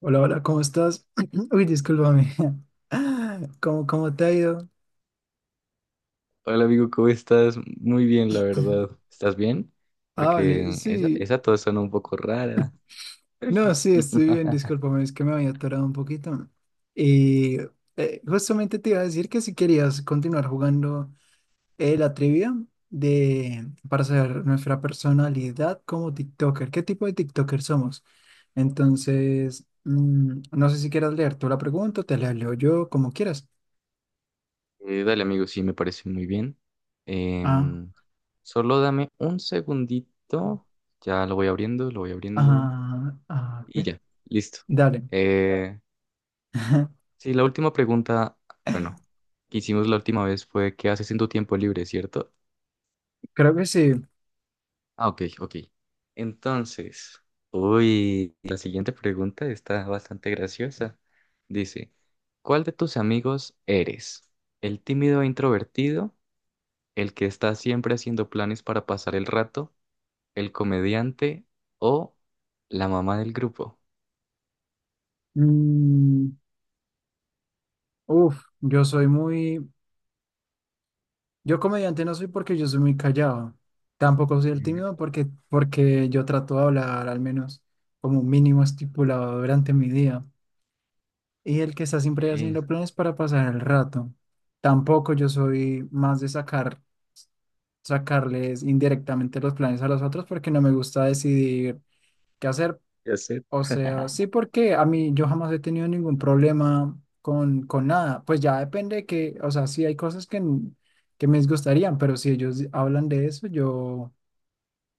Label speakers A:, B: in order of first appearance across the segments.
A: Hola, hola, ¿cómo estás? Uy, discúlpame. ¿Cómo te ha ido?
B: Hola amigo, ¿cómo estás? Muy bien, la verdad. ¿Estás bien?
A: Ah, vale,
B: Porque esa,
A: sí.
B: esa tos suena un poco rara.
A: No, sí, estoy bien, discúlpame, es que me había atorado un poquito. Y justamente te iba a decir que si querías continuar jugando la trivia de, para saber nuestra personalidad como TikToker, qué tipo de TikToker somos. Entonces, no sé si quieras leer tú la pregunta, te la leo yo, como quieras.
B: Dale amigo, sí, me parece muy bien.
A: Ah,
B: Em, Solo dame un segundito. Ya lo voy abriendo, lo voy abriendo. Y
A: ok.
B: ya, listo.
A: Dale.
B: Eh, sí, la última pregunta, bueno, que hicimos la última vez fue, ¿qué haces en tu tiempo libre, cierto?
A: Creo que sí.
B: Ah, ok, ok. Entonces, uy, la siguiente pregunta está bastante graciosa. Dice, ¿cuál de tus amigos eres? ¿El tímido e introvertido? ¿El que está siempre haciendo planes para pasar el rato? ¿El comediante o la mamá del grupo?
A: Mm, uf, yo soy yo comediante no soy porque yo soy muy callado. Tampoco soy el
B: Mm,
A: tímido porque yo trato de hablar al menos como un mínimo estipulado durante mi día. Y el que está siempre
B: ok,
A: haciendo planes para pasar el rato. Tampoco yo soy más de sacarles indirectamente los planes a los otros porque no me gusta decidir qué hacer.
B: ya sé.
A: O sea, sí, porque a mí yo jamás he tenido ningún problema con nada. Pues ya depende que, o sea, sí hay cosas que me disgustarían, pero si ellos hablan de eso, yo,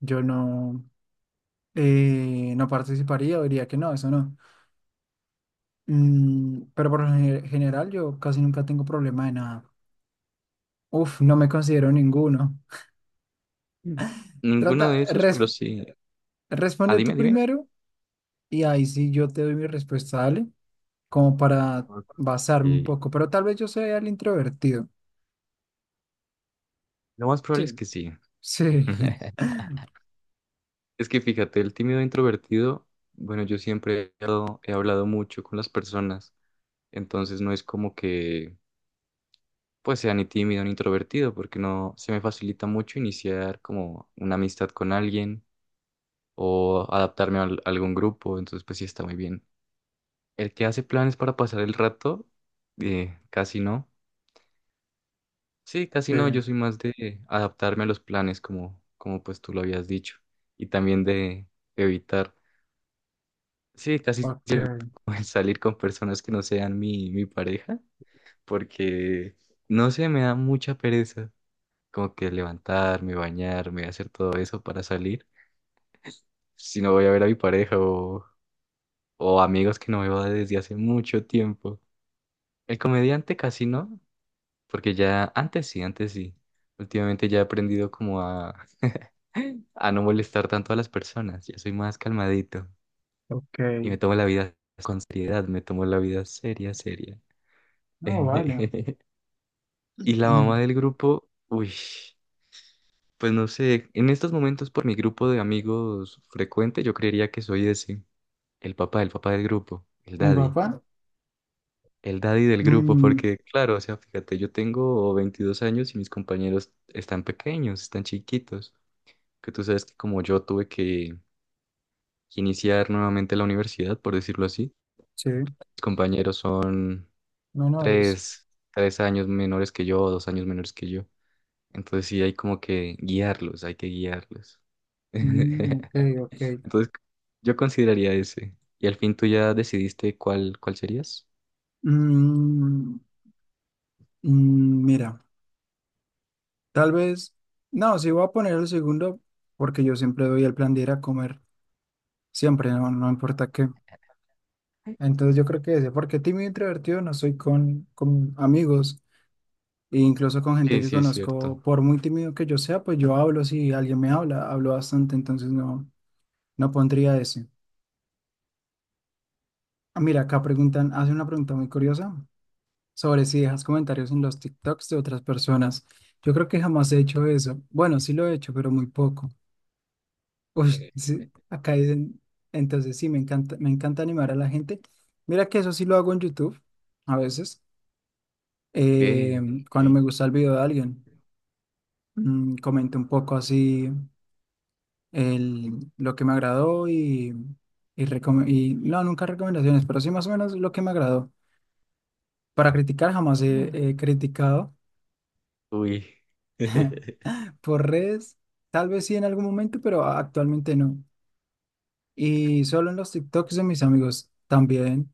A: yo no, no participaría o diría que no, eso no. Mm, pero por general yo casi nunca tengo problema de nada. Uf, no me considero ninguno.
B: Mm. Ninguno de
A: Trata,
B: esos,
A: res-
B: pero sí. Ah,
A: responde
B: dime,
A: tú
B: dime.
A: primero y ahí sí yo te doy mi respuesta, dale, como para
B: Ok,
A: basarme un poco, pero tal vez yo sea el introvertido.
B: lo más probable es
A: Sí,
B: que sí.
A: sí,
B: Es que fíjate, el tímido introvertido, bueno, yo siempre he hablado mucho con las personas, entonces no es como que pues sea ni tímido ni introvertido, porque no se me facilita mucho iniciar como una amistad con alguien o adaptarme a algún grupo, entonces pues sí está muy bien. El que hace planes para pasar el rato, casi no. Sí, casi
A: sí,
B: no, yo soy más de adaptarme a los planes como pues tú lo habías dicho y también de evitar. Sí, casi.
A: ok,
B: Pues, salir con personas que no sean mi pareja, porque no sé, me da mucha pereza como que levantarme, bañarme, hacer todo eso para salir, si no voy a ver a mi pareja o amigos que no veo desde hace mucho tiempo. El comediante casi no, porque ya antes sí, antes sí. Últimamente ya he aprendido como a no molestar tanto a las personas, ya soy más calmadito
A: ok.
B: y me tomo la vida con seriedad, me tomo la vida seria, seria.
A: No, vale.
B: Y la mamá del grupo, uy, pues no sé, en estos momentos por mi grupo de amigos frecuente, yo creería que soy ese, el papá del grupo,
A: El papá,
B: el daddy del grupo,
A: mm,
B: porque claro, o sea, fíjate, yo tengo 22 años y mis compañeros están pequeños, están chiquitos, que tú sabes que como yo tuve que iniciar nuevamente la universidad, por decirlo así,
A: sí,
B: mis compañeros son
A: menores.
B: tres años menores que yo, 2 años que yo. Entonces sí hay como que guiarlos, hay que guiarlos.
A: Mm, ok, ok.
B: Entonces yo consideraría ese. ¿Y al fin tú ya decidiste cuál serías?
A: Mm, mira, tal vez, no, sí voy a poner el segundo porque yo siempre doy el plan de ir a comer, siempre, no importa qué. Entonces yo creo que ese, porque tímido e introvertido no soy con amigos. E incluso con gente
B: Sí,
A: que
B: sí, es cierto.
A: conozco, por muy tímido que yo sea, pues yo hablo si alguien me habla, hablo bastante, entonces no pondría ese. Ah, mira, acá preguntan, hace una pregunta muy curiosa sobre si dejas comentarios en los TikToks de otras personas. Yo creo que jamás he hecho eso. Bueno, sí lo he hecho, pero muy poco. Uy,
B: Ok,
A: sí, acá dicen, entonces sí, me encanta animar a la gente. Mira que eso sí lo hago en YouTube a veces. eh,
B: ok.
A: cuando me gusta el video de alguien, comento un poco así lo que me agradó nunca recomendaciones, pero sí más o menos lo que me agradó. Para criticar jamás he, he criticado
B: Uy.
A: por redes, tal vez sí en algún momento, pero actualmente no. Y solo en los TikToks de mis amigos también,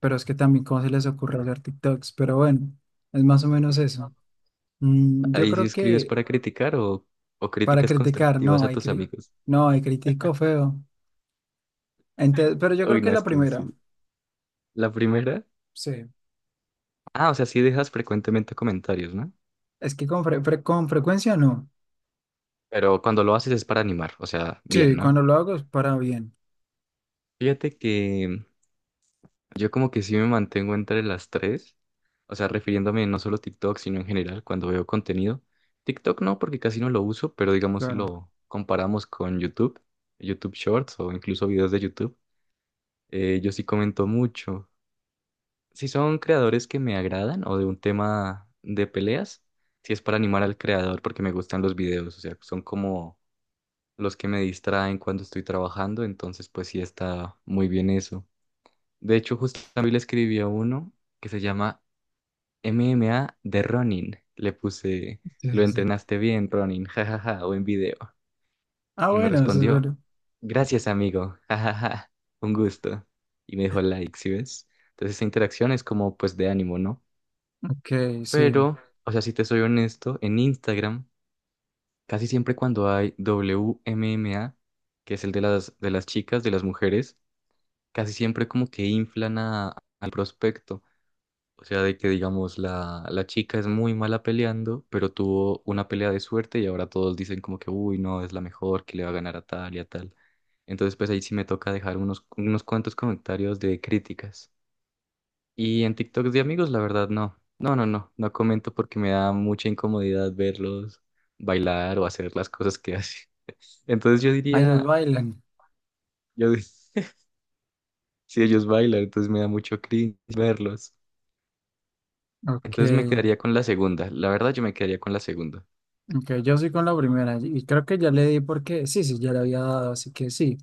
A: pero es que también cómo se les ocurre hacer TikToks, pero bueno, es más o menos eso. Mm, yo
B: Ahí sí
A: creo
B: escribes
A: que
B: para criticar o
A: para
B: críticas
A: criticar,
B: constructivas
A: no,
B: a
A: hay,
B: tus
A: cri-
B: amigos.
A: no, hay critico feo. Pero yo creo
B: Uy,
A: que
B: no, es
A: la
B: que
A: primera,
B: sí. La primera.
A: sí.
B: Ah, o sea, sí dejas frecuentemente comentarios, ¿no?
A: Es que con frecuencia no.
B: Pero cuando lo haces es para animar, o sea, bien,
A: Sí,
B: ¿no?
A: cuando lo hago es para bien,
B: Fíjate que yo como que sí me mantengo entre las tres, o sea, refiriéndome no solo a TikTok, sino en general cuando veo contenido. TikTok no, porque casi no lo uso, pero digamos si
A: claro.
B: lo comparamos con YouTube, YouTube Shorts o incluso videos de YouTube, yo sí comento mucho. Si son creadores que me agradan o de un tema de peleas, si es para animar al creador porque me gustan los videos, o sea, son como los que me distraen cuando estoy trabajando, entonces pues sí está muy bien eso. De hecho, justo también le escribí a uno que se llama MMA de Ronin. Le puse,
A: Sí,
B: lo
A: sí, sí.
B: entrenaste bien, Ronin, jajaja, buen video.
A: Ah,
B: Y me
A: bueno, eso es
B: respondió,
A: bueno.
B: gracias, amigo, jajaja, un gusto. Y me dejó like, ¿sí ves? Entonces esa interacción es como, pues, de ánimo, ¿no?
A: Ok, sí.
B: Pero, o sea, si te soy honesto, en Instagram, casi siempre cuando hay WMMA, que es el de las chicas, de las mujeres, casi siempre como que inflan al prospecto. O sea, de que digamos la chica es muy mala peleando, pero tuvo una pelea de suerte y ahora todos dicen como que, uy, no, es la mejor, que le va a ganar a tal y a tal. Entonces, pues ahí sí me toca dejar unos cuantos comentarios de críticas. Y en TikToks de amigos, la verdad, no. No, no, no, no comento porque me da mucha incomodidad verlos bailar o hacer las cosas que hacen. Entonces yo
A: Ah, ellos
B: diría,
A: bailan.
B: yo di- si ellos bailan, entonces me da mucho cringe verlos.
A: Ok,
B: Entonces me quedaría con la segunda. La verdad, yo me quedaría con la segunda.
A: ok, yo soy con la primera y creo que ya le di porque sí, sí, ya le había dado, así que sí.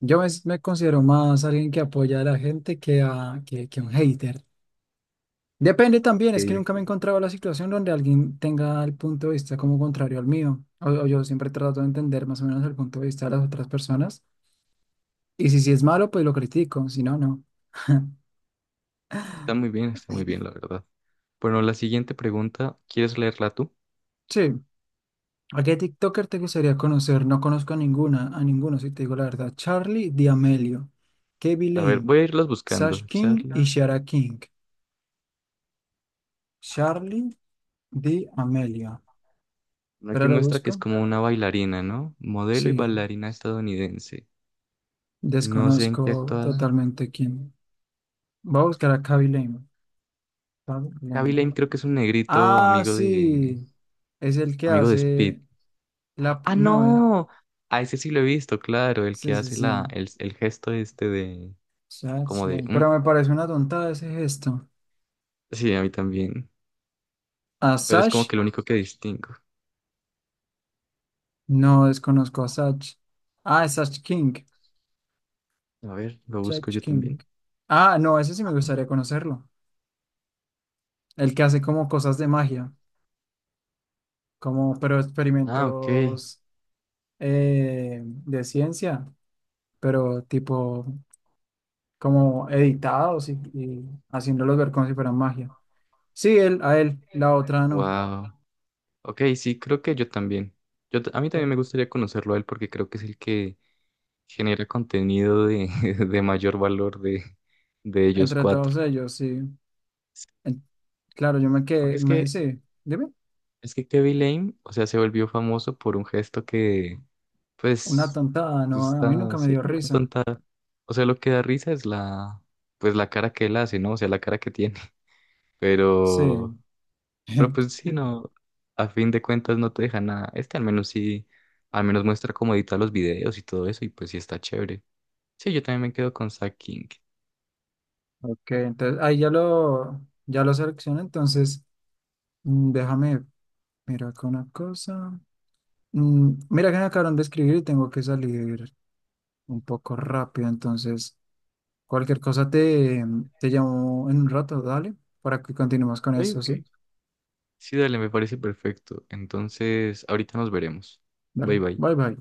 A: Me considero más alguien que apoya a la gente que un hater. Depende
B: Ok,
A: también, es que nunca me he
B: ok.
A: encontrado la situación donde alguien tenga el punto de vista como contrario al mío. O yo siempre trato de entender más o menos el punto de vista de las otras personas. Y si es malo, pues lo critico, si no, no.
B: Está muy bien, la verdad. Bueno, la siguiente pregunta, ¿quieres leerla tú?
A: Sí. ¿A qué TikToker te gustaría conocer? No conozco a ninguna, a ninguno, si te digo la verdad. Charlie D'Amelio, Kevin
B: A ver,
A: Lane,
B: voy a irlas
A: Sash
B: buscando.
A: King y
B: Charlie.
A: Shara King. Charlie D'Amelio. Espera,
B: Aquí
A: lo
B: muestra que es
A: busco.
B: como una bailarina, ¿no? Modelo y
A: Sí,
B: bailarina estadounidense. No sé en qué
A: desconozco
B: actuada.
A: totalmente quién. Voy a buscar a Kevin Lane. Kevin
B: Avi Lane
A: Lane.
B: creo que es un negrito
A: Ah, sí. Es el que
B: amigo de Speed.
A: hace la...
B: ¡Ah,
A: No,
B: no! A ese sí lo he visto, claro, el que
A: sí, sí,
B: hace
A: sí.
B: el gesto este de,
A: Sash
B: como de,
A: Lane.
B: "Mm".
A: Pero me parece una tontada ese gesto.
B: Sí, a mí también.
A: ¿A
B: Pero es como
A: Sash?
B: que lo único que distingo.
A: No desconozco a Sash. Ah, es Sash King.
B: A ver, lo busco
A: Sash
B: yo
A: King.
B: también.
A: Ah, no, ese sí me gustaría conocerlo. El que hace como cosas de magia, como pero
B: Ah, ok.
A: experimentos de ciencia, pero tipo como editados y haciéndolos ver como si fueran magia. Sí, él, a él, la otra no.
B: Wow. Ok, sí, creo que yo también. A mí también
A: Ya.
B: me gustaría conocerlo a él porque creo que es el que genera contenido de, de, mayor valor de ellos
A: Entre
B: cuatro.
A: todos ellos, sí.
B: Sí,
A: En- claro, yo me
B: porque
A: quedé,
B: es
A: me,
B: que,
A: sí. Dime.
B: es que Kevin Lane, o sea, se volvió famoso por un gesto que,
A: Una
B: pues,
A: tontada,
B: pues
A: no, a mí
B: está,
A: nunca me
B: sí,
A: dio
B: una
A: risa.
B: tonta. O sea, lo que da risa es la, pues la cara que él hace, ¿no? O sea, la cara que tiene.
A: Sí.
B: Pero Pero pues sí, no, a fin de cuentas no te deja nada. Este al menos sí, al menos muestra cómo editar los videos y todo eso, y pues sí está chévere. Sí, yo también me quedo con Zack King.
A: Ok, entonces ya lo seleccioné, entonces mm, déjame, mira acá una cosa. Mm, mira que me acabaron de escribir y tengo que salir un poco rápido, entonces cualquier cosa te, te llamo en un rato, dale, para que continuemos con
B: Ok,
A: esto, ¿sí?
B: ok. Sí, dale, me parece perfecto. Entonces, ahorita nos veremos. Bye
A: Dale,
B: bye.
A: bye bye.